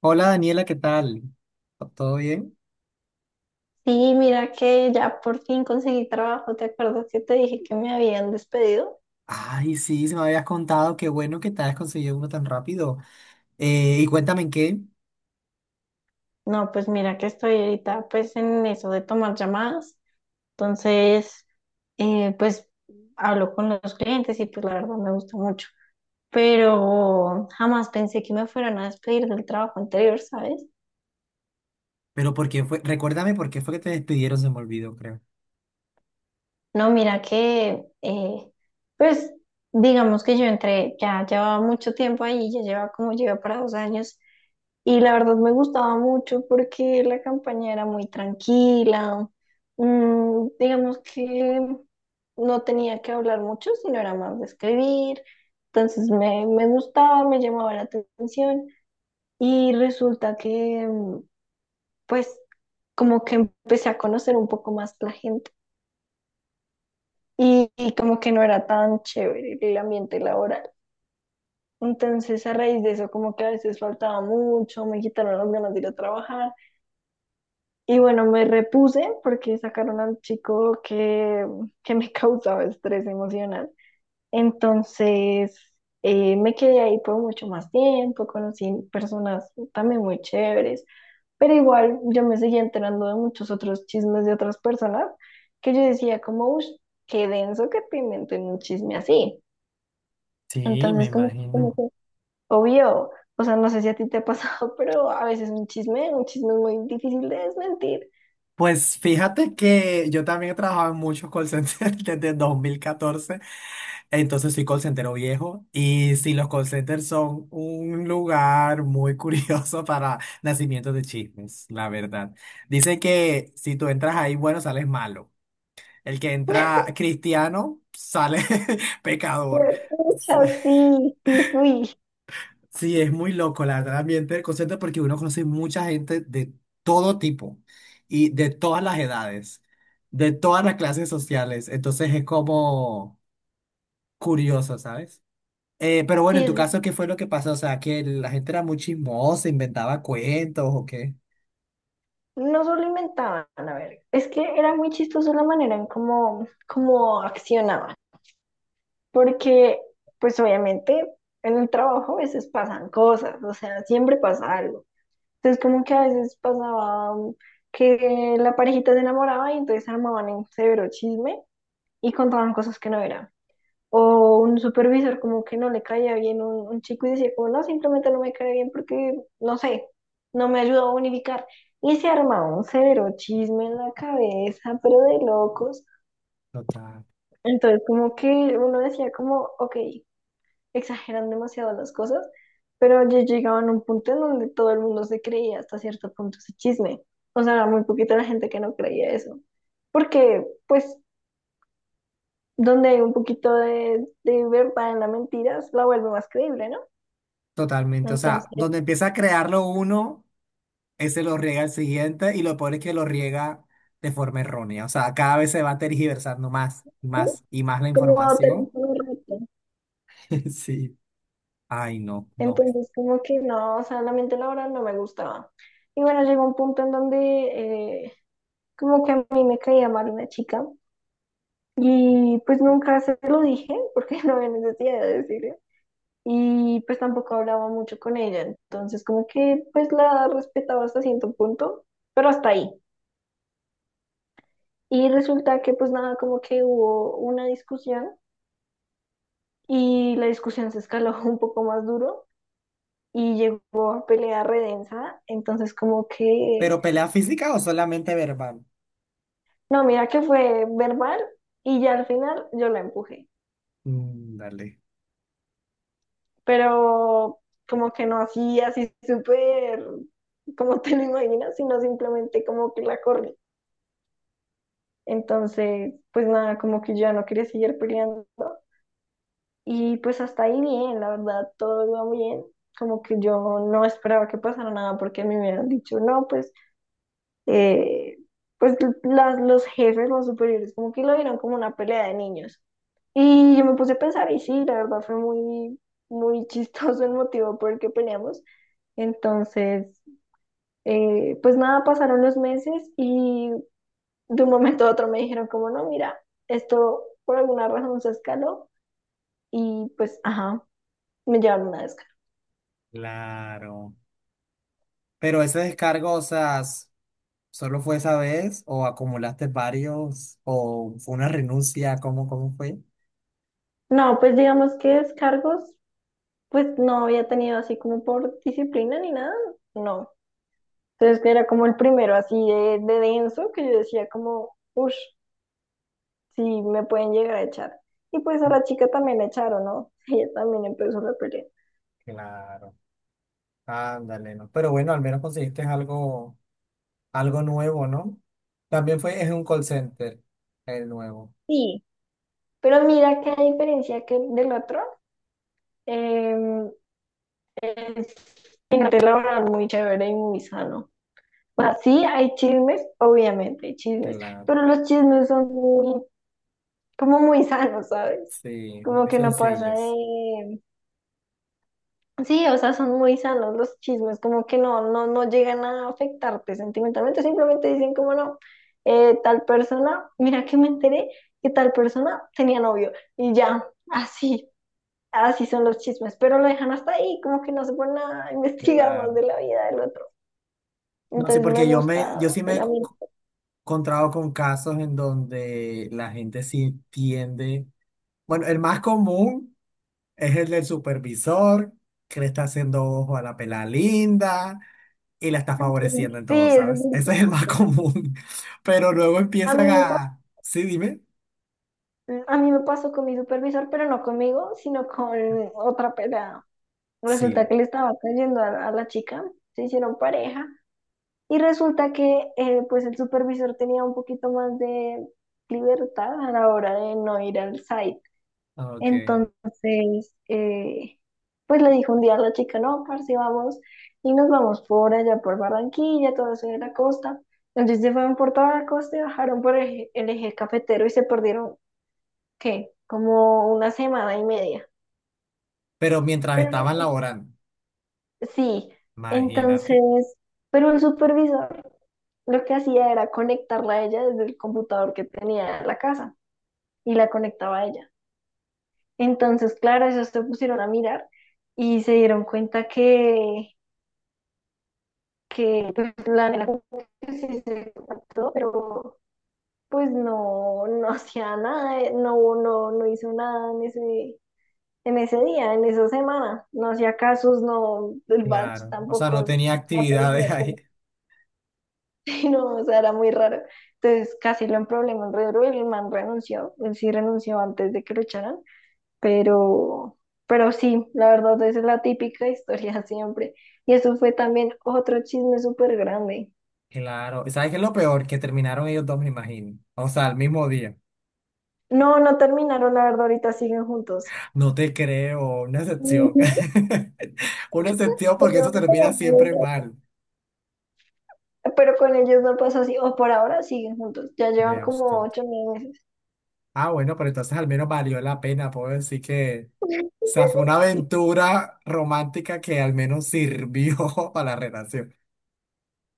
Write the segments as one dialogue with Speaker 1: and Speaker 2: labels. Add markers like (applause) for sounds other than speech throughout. Speaker 1: Hola Daniela, ¿qué tal? ¿Todo bien?
Speaker 2: Sí, mira que ya por fin conseguí trabajo. ¿Te acuerdas que te dije que me habían despedido?
Speaker 1: Ay, sí, se me habías contado, qué bueno que te hayas conseguido uno tan rápido. Y cuéntame en qué,
Speaker 2: No, pues mira que estoy ahorita pues en eso de tomar llamadas. Entonces, pues hablo con los clientes y pues la verdad me gusta mucho. Pero jamás pensé que me fueran a despedir del trabajo anterior, ¿sabes?
Speaker 1: pero por qué fue, recuérdame por qué fue que te despidieron, se me olvidó, creo.
Speaker 2: No, mira que pues digamos que yo entré, ya llevaba mucho tiempo ahí, ya lleva para 2 años. Y la verdad me gustaba mucho porque la campaña era muy tranquila. Digamos que no tenía que hablar mucho, sino era más de escribir. Entonces me gustaba, me llamaba la atención. Y resulta que, pues, como que empecé a conocer un poco más la gente. Y como que no era tan chévere el ambiente laboral. Entonces, a raíz de eso, como que a veces faltaba mucho, me quitaron las ganas de ir a trabajar. Y bueno, me repuse porque sacaron al chico que me (laughs) causaba estrés emocional. Entonces, me quedé ahí por mucho más tiempo, conocí personas también muy chéveres, pero igual yo me seguía enterando de muchos otros chismes de otras personas que yo decía como, uff, qué denso que te inventen un chisme así.
Speaker 1: Sí, me
Speaker 2: Entonces,
Speaker 1: imagino.
Speaker 2: obvio, o sea, no sé si a ti te ha pasado, (laughs) pero a veces un chisme es muy difícil de desmentir.
Speaker 1: Pues fíjate que yo también he trabajado en muchos call centers (laughs) desde 2014, entonces soy call centero viejo y sí, los call centers son un lugar muy curioso (laughs) para nacimientos de chismes, la verdad. Dice que si tú entras ahí, bueno, sales malo. El que entra cristiano sale (laughs) pecador.
Speaker 2: Pues,
Speaker 1: Sí.
Speaker 2: pucha, sí, sí fui.
Speaker 1: Sí, es muy loco, la verdad, el ambiente del concierto, porque uno conoce mucha gente de todo tipo y de todas las edades, de todas las clases sociales. Entonces es como curioso, ¿sabes? Pero bueno,
Speaker 2: Sí,
Speaker 1: en tu
Speaker 2: es
Speaker 1: caso,
Speaker 2: bien.
Speaker 1: ¿qué fue lo que pasó? O sea, que la gente era muy chismosa, inventaba cuentos o qué.
Speaker 2: No solo inventaban, a ver, es que era muy chistoso la manera en cómo accionaban, porque pues obviamente en el trabajo a veces pasan cosas, o sea, siempre pasa algo. Entonces como que a veces pasaba que la parejita se enamoraba y entonces armaban un severo chisme y contaban cosas que no eran. O un supervisor como que no le caía bien un chico y decía como no, simplemente no me cae bien porque, no sé, no me ayudó a unificar. Y se armaba un cero chisme en la cabeza, pero de locos.
Speaker 1: Total.
Speaker 2: Entonces como que uno decía como, ok, exageran demasiado las cosas, pero ya llegaban a un punto en donde todo el mundo se creía hasta cierto punto ese chisme. O sea, muy poquita la gente que no creía eso. Porque, pues, donde hay un poquito de verdad en la mentira, la vuelve más creíble, ¿no?
Speaker 1: Totalmente. O
Speaker 2: Entonces,
Speaker 1: sea, donde empieza a crearlo uno. Ese lo riega el siguiente y lo peor es que lo riega de forma errónea. O sea, cada vez se va tergiversando más,
Speaker 2: sí,
Speaker 1: más y más la
Speaker 2: como tenía
Speaker 1: información.
Speaker 2: un reto.
Speaker 1: (laughs) Sí. Ay, no, no.
Speaker 2: Entonces, como que no, o sea, la mente laboral no me gustaba. Y bueno, llegó un punto en donde eh, como que a mí me caía mal una chica y pues nunca se lo dije porque (laughs) no había necesidad de decirlo. Y pues tampoco hablaba mucho con ella. Entonces, como que pues la respetaba hasta cierto punto, pero hasta ahí. Y resulta que pues nada, como que hubo una discusión y la discusión se escaló (laughs) un poco más duro. Y llegó a pelea redensa, entonces como que,
Speaker 1: ¿Pero pelea física o solamente verbal?
Speaker 2: no, mira que fue verbal y ya al final yo la empujé,
Speaker 1: Mm, dale.
Speaker 2: pero como que no así, así súper, como te lo imaginas, sino simplemente como que la corrí. Entonces, pues nada, como que yo ya no quería seguir peleando y pues hasta ahí bien, la verdad, todo iba bien. Como que yo no esperaba que pasara nada porque a mí me hubieran dicho, no, pues eh, pues las, los jefes, los superiores, como que lo vieron como una pelea de niños. Y yo me puse a pensar, y sí, la verdad fue muy (laughs) chistoso el motivo por el que peleamos. Entonces, pues nada, pasaron los meses y de un momento a otro me dijeron como, no, mira, esto por alguna razón se escaló y pues, ajá, me llevaron una descarga.
Speaker 1: Claro. Pero ese descargo, o sea, ¿solo fue esa vez o acumulaste varios o fue una renuncia? ¿Cómo, cómo fue?
Speaker 2: No, pues digamos que descargos, pues no había tenido así como por disciplina ni nada, no. Entonces, que era como el primero así de denso, que yo decía como, uff, sí, me pueden llegar a echar. Y pues a la chica también la echaron, ¿no? (laughs) Ella también empezó la pelea.
Speaker 1: Claro. Ándale, no. Pero bueno, al menos conseguiste algo. Algo nuevo, ¿no? También fue, es un call center, el nuevo.
Speaker 2: Sí, pero mira que a diferencia que del otro, eh, es un ambiente laboral muy chévere y muy sano. O sea, sí hay chismes, obviamente hay chismes,
Speaker 1: Claro,
Speaker 2: pero los chismes son muy, como muy sanos, ¿sabes?
Speaker 1: sí,
Speaker 2: Como
Speaker 1: muy
Speaker 2: que no pasa
Speaker 1: sencillos.
Speaker 2: de sí, o sea, son muy sanos los chismes, como que no, no, no llegan a afectarte sentimentalmente, simplemente dicen como no, tal persona, mira que me enteré que tal persona tenía novio y ya, así, así son los chismes, pero lo dejan hasta ahí, como que no se ponen a (laughs) investigar más
Speaker 1: Claro.
Speaker 2: de la vida del otro.
Speaker 1: No, sí,
Speaker 2: Entonces me
Speaker 1: porque yo
Speaker 2: gusta
Speaker 1: sí
Speaker 2: el ambiente.
Speaker 1: encontrado con casos en donde la gente sí tiende. Bueno, el más común es el del supervisor, que le está haciendo ojo a la pela linda y la está
Speaker 2: Sí,
Speaker 1: favoreciendo en todo,
Speaker 2: es
Speaker 1: ¿sabes? (laughs)
Speaker 2: muy
Speaker 1: Ese es el más (laughs)
Speaker 2: típico.
Speaker 1: común. Pero luego
Speaker 2: A mí
Speaker 1: empiezan
Speaker 2: me pasó,
Speaker 1: a. Sí, dime.
Speaker 2: a mí me pasó con mi supervisor, pero no conmigo, sino con otra pelada. Resulta
Speaker 1: Sí.
Speaker 2: que le estaba cayendo a la chica, se hicieron pareja y resulta que pues el supervisor tenía un poquito más de libertad a la hora de no ir al site.
Speaker 1: Ok.
Speaker 2: Entonces, pues le dijo un día a la chica, no, parce, vamos y nos vamos por allá por Barranquilla, todo eso de la costa. Entonces se fueron por toda la costa y bajaron por el eje cafetero y se perdieron, ¿qué? Como una semana y media.
Speaker 1: Pero mientras
Speaker 2: Pero
Speaker 1: estaban laborando,
Speaker 2: sí,
Speaker 1: imagínate,
Speaker 2: entonces, pero el supervisor lo que hacía era conectarla a ella desde el computador que tenía en la casa y la conectaba a ella. Entonces, claro, ellos se pusieron a mirar y se dieron cuenta que pues, la nena como que sí se contactó, pero pues no, no (laughs) hacía nada, no hizo nada en ese, en ese día, en esa semana. No hacía casos, no, el batch
Speaker 1: claro, o sea, no
Speaker 2: tampoco
Speaker 1: tenía actividades (laughs)
Speaker 2: aparecía.
Speaker 1: ahí,
Speaker 2: (laughs) Sí, no, o sea, era muy raro. Entonces casi lo en problemas re duro, el man renunció, él sí renunció antes de que lo echaran, pero, pero sí, la verdad, esa es la típica (laughs) historia siempre. Y eso fue también otro chisme súper grande.
Speaker 1: claro. ¿Y ¿sabes qué es lo peor? Que terminaron ellos dos, me imagino, o sea, al mismo día,
Speaker 2: No, no terminaron, la verdad, ahorita siguen juntos.
Speaker 1: no te creo, una excepción,
Speaker 2: Ujú,
Speaker 1: (laughs) una excepción
Speaker 2: se
Speaker 1: porque eso
Speaker 2: llevan
Speaker 1: termina
Speaker 2: como
Speaker 1: siempre
Speaker 2: 9.
Speaker 1: mal,
Speaker 2: Pero con ellos no pasó así, o por ahora siguen juntos, ya llevan
Speaker 1: vea
Speaker 2: como
Speaker 1: usted,
Speaker 2: 8 9 meses.
Speaker 1: ah, bueno, pero entonces al menos valió la pena, puedo decir que, o
Speaker 2: (laughs) Meses.
Speaker 1: sea, fue una
Speaker 2: Sí.
Speaker 1: aventura romántica que al menos sirvió (laughs) para la relación.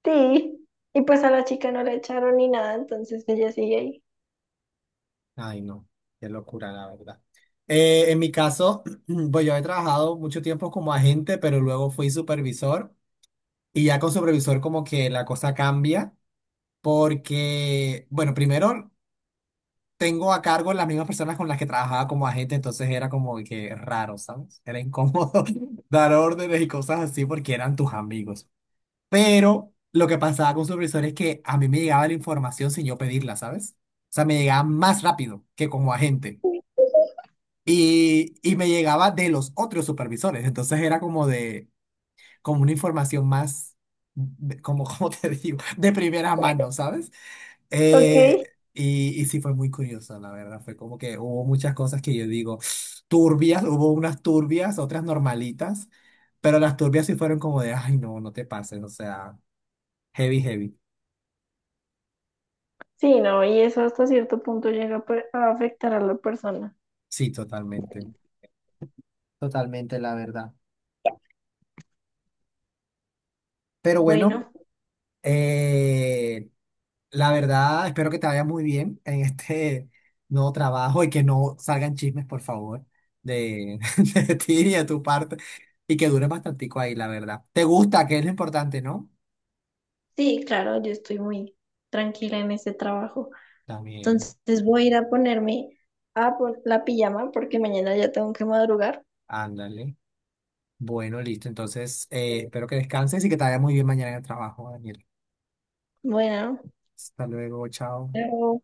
Speaker 2: Sí. Y pues a la chica no la echaron ni nada, entonces ella sigue ahí.
Speaker 1: Ay, no, qué locura, la verdad. En mi caso, (clears throat) pues yo he trabajado mucho tiempo como agente, pero luego fui supervisor y ya con supervisor como que la cosa cambia porque, bueno, primero tengo a cargo las mismas personas con las que trabajaba como agente, entonces era como que raro, ¿sabes? Era incómodo (laughs) dar órdenes y cosas así porque eran tus amigos. Pero lo que pasaba con supervisor es que a mí me llegaba la información sin yo pedirla, ¿sabes? O sea, me llegaba más rápido que como agente.
Speaker 2: Ok.
Speaker 1: Y me llegaba de los otros supervisores. Entonces era como de, como una información más, como, (laughs) como te digo, de primera mano, ¿sabes? Eh, y sí fue muy curioso, la verdad. Fue como que hubo muchas cosas que yo digo (sniffs) turbias, hubo unas turbias, otras normalitas, pero las turbias sí fueron como de, ay, no, no te pases, o sea, heavy, heavy.
Speaker 2: Sí, no, y eso hasta cierto punto llega a per- a afectar a la persona.
Speaker 1: Sí, totalmente, totalmente, la verdad. Pero bueno,
Speaker 2: Bueno,
Speaker 1: eh, la verdad, espero que te vaya muy bien en este nuevo trabajo y que no salgan chismes, por favor, de, (laughs) de ti y de tu parte y que dure bastantico ahí, la verdad. ¿Te gusta? Que es lo importante, ¿no?
Speaker 2: sí, claro, yo estoy muy tranquila en este trabajo.
Speaker 1: También,
Speaker 2: Entonces voy a ir a ponerme a pon- la pijama porque mañana ya tengo que madrugar.
Speaker 1: ándale. Bueno, listo. Entonces, espero que descanses y que te vaya muy bien mañana en el trabajo, Daniel.
Speaker 2: Bueno,
Speaker 1: Hasta luego, chao.
Speaker 2: chao.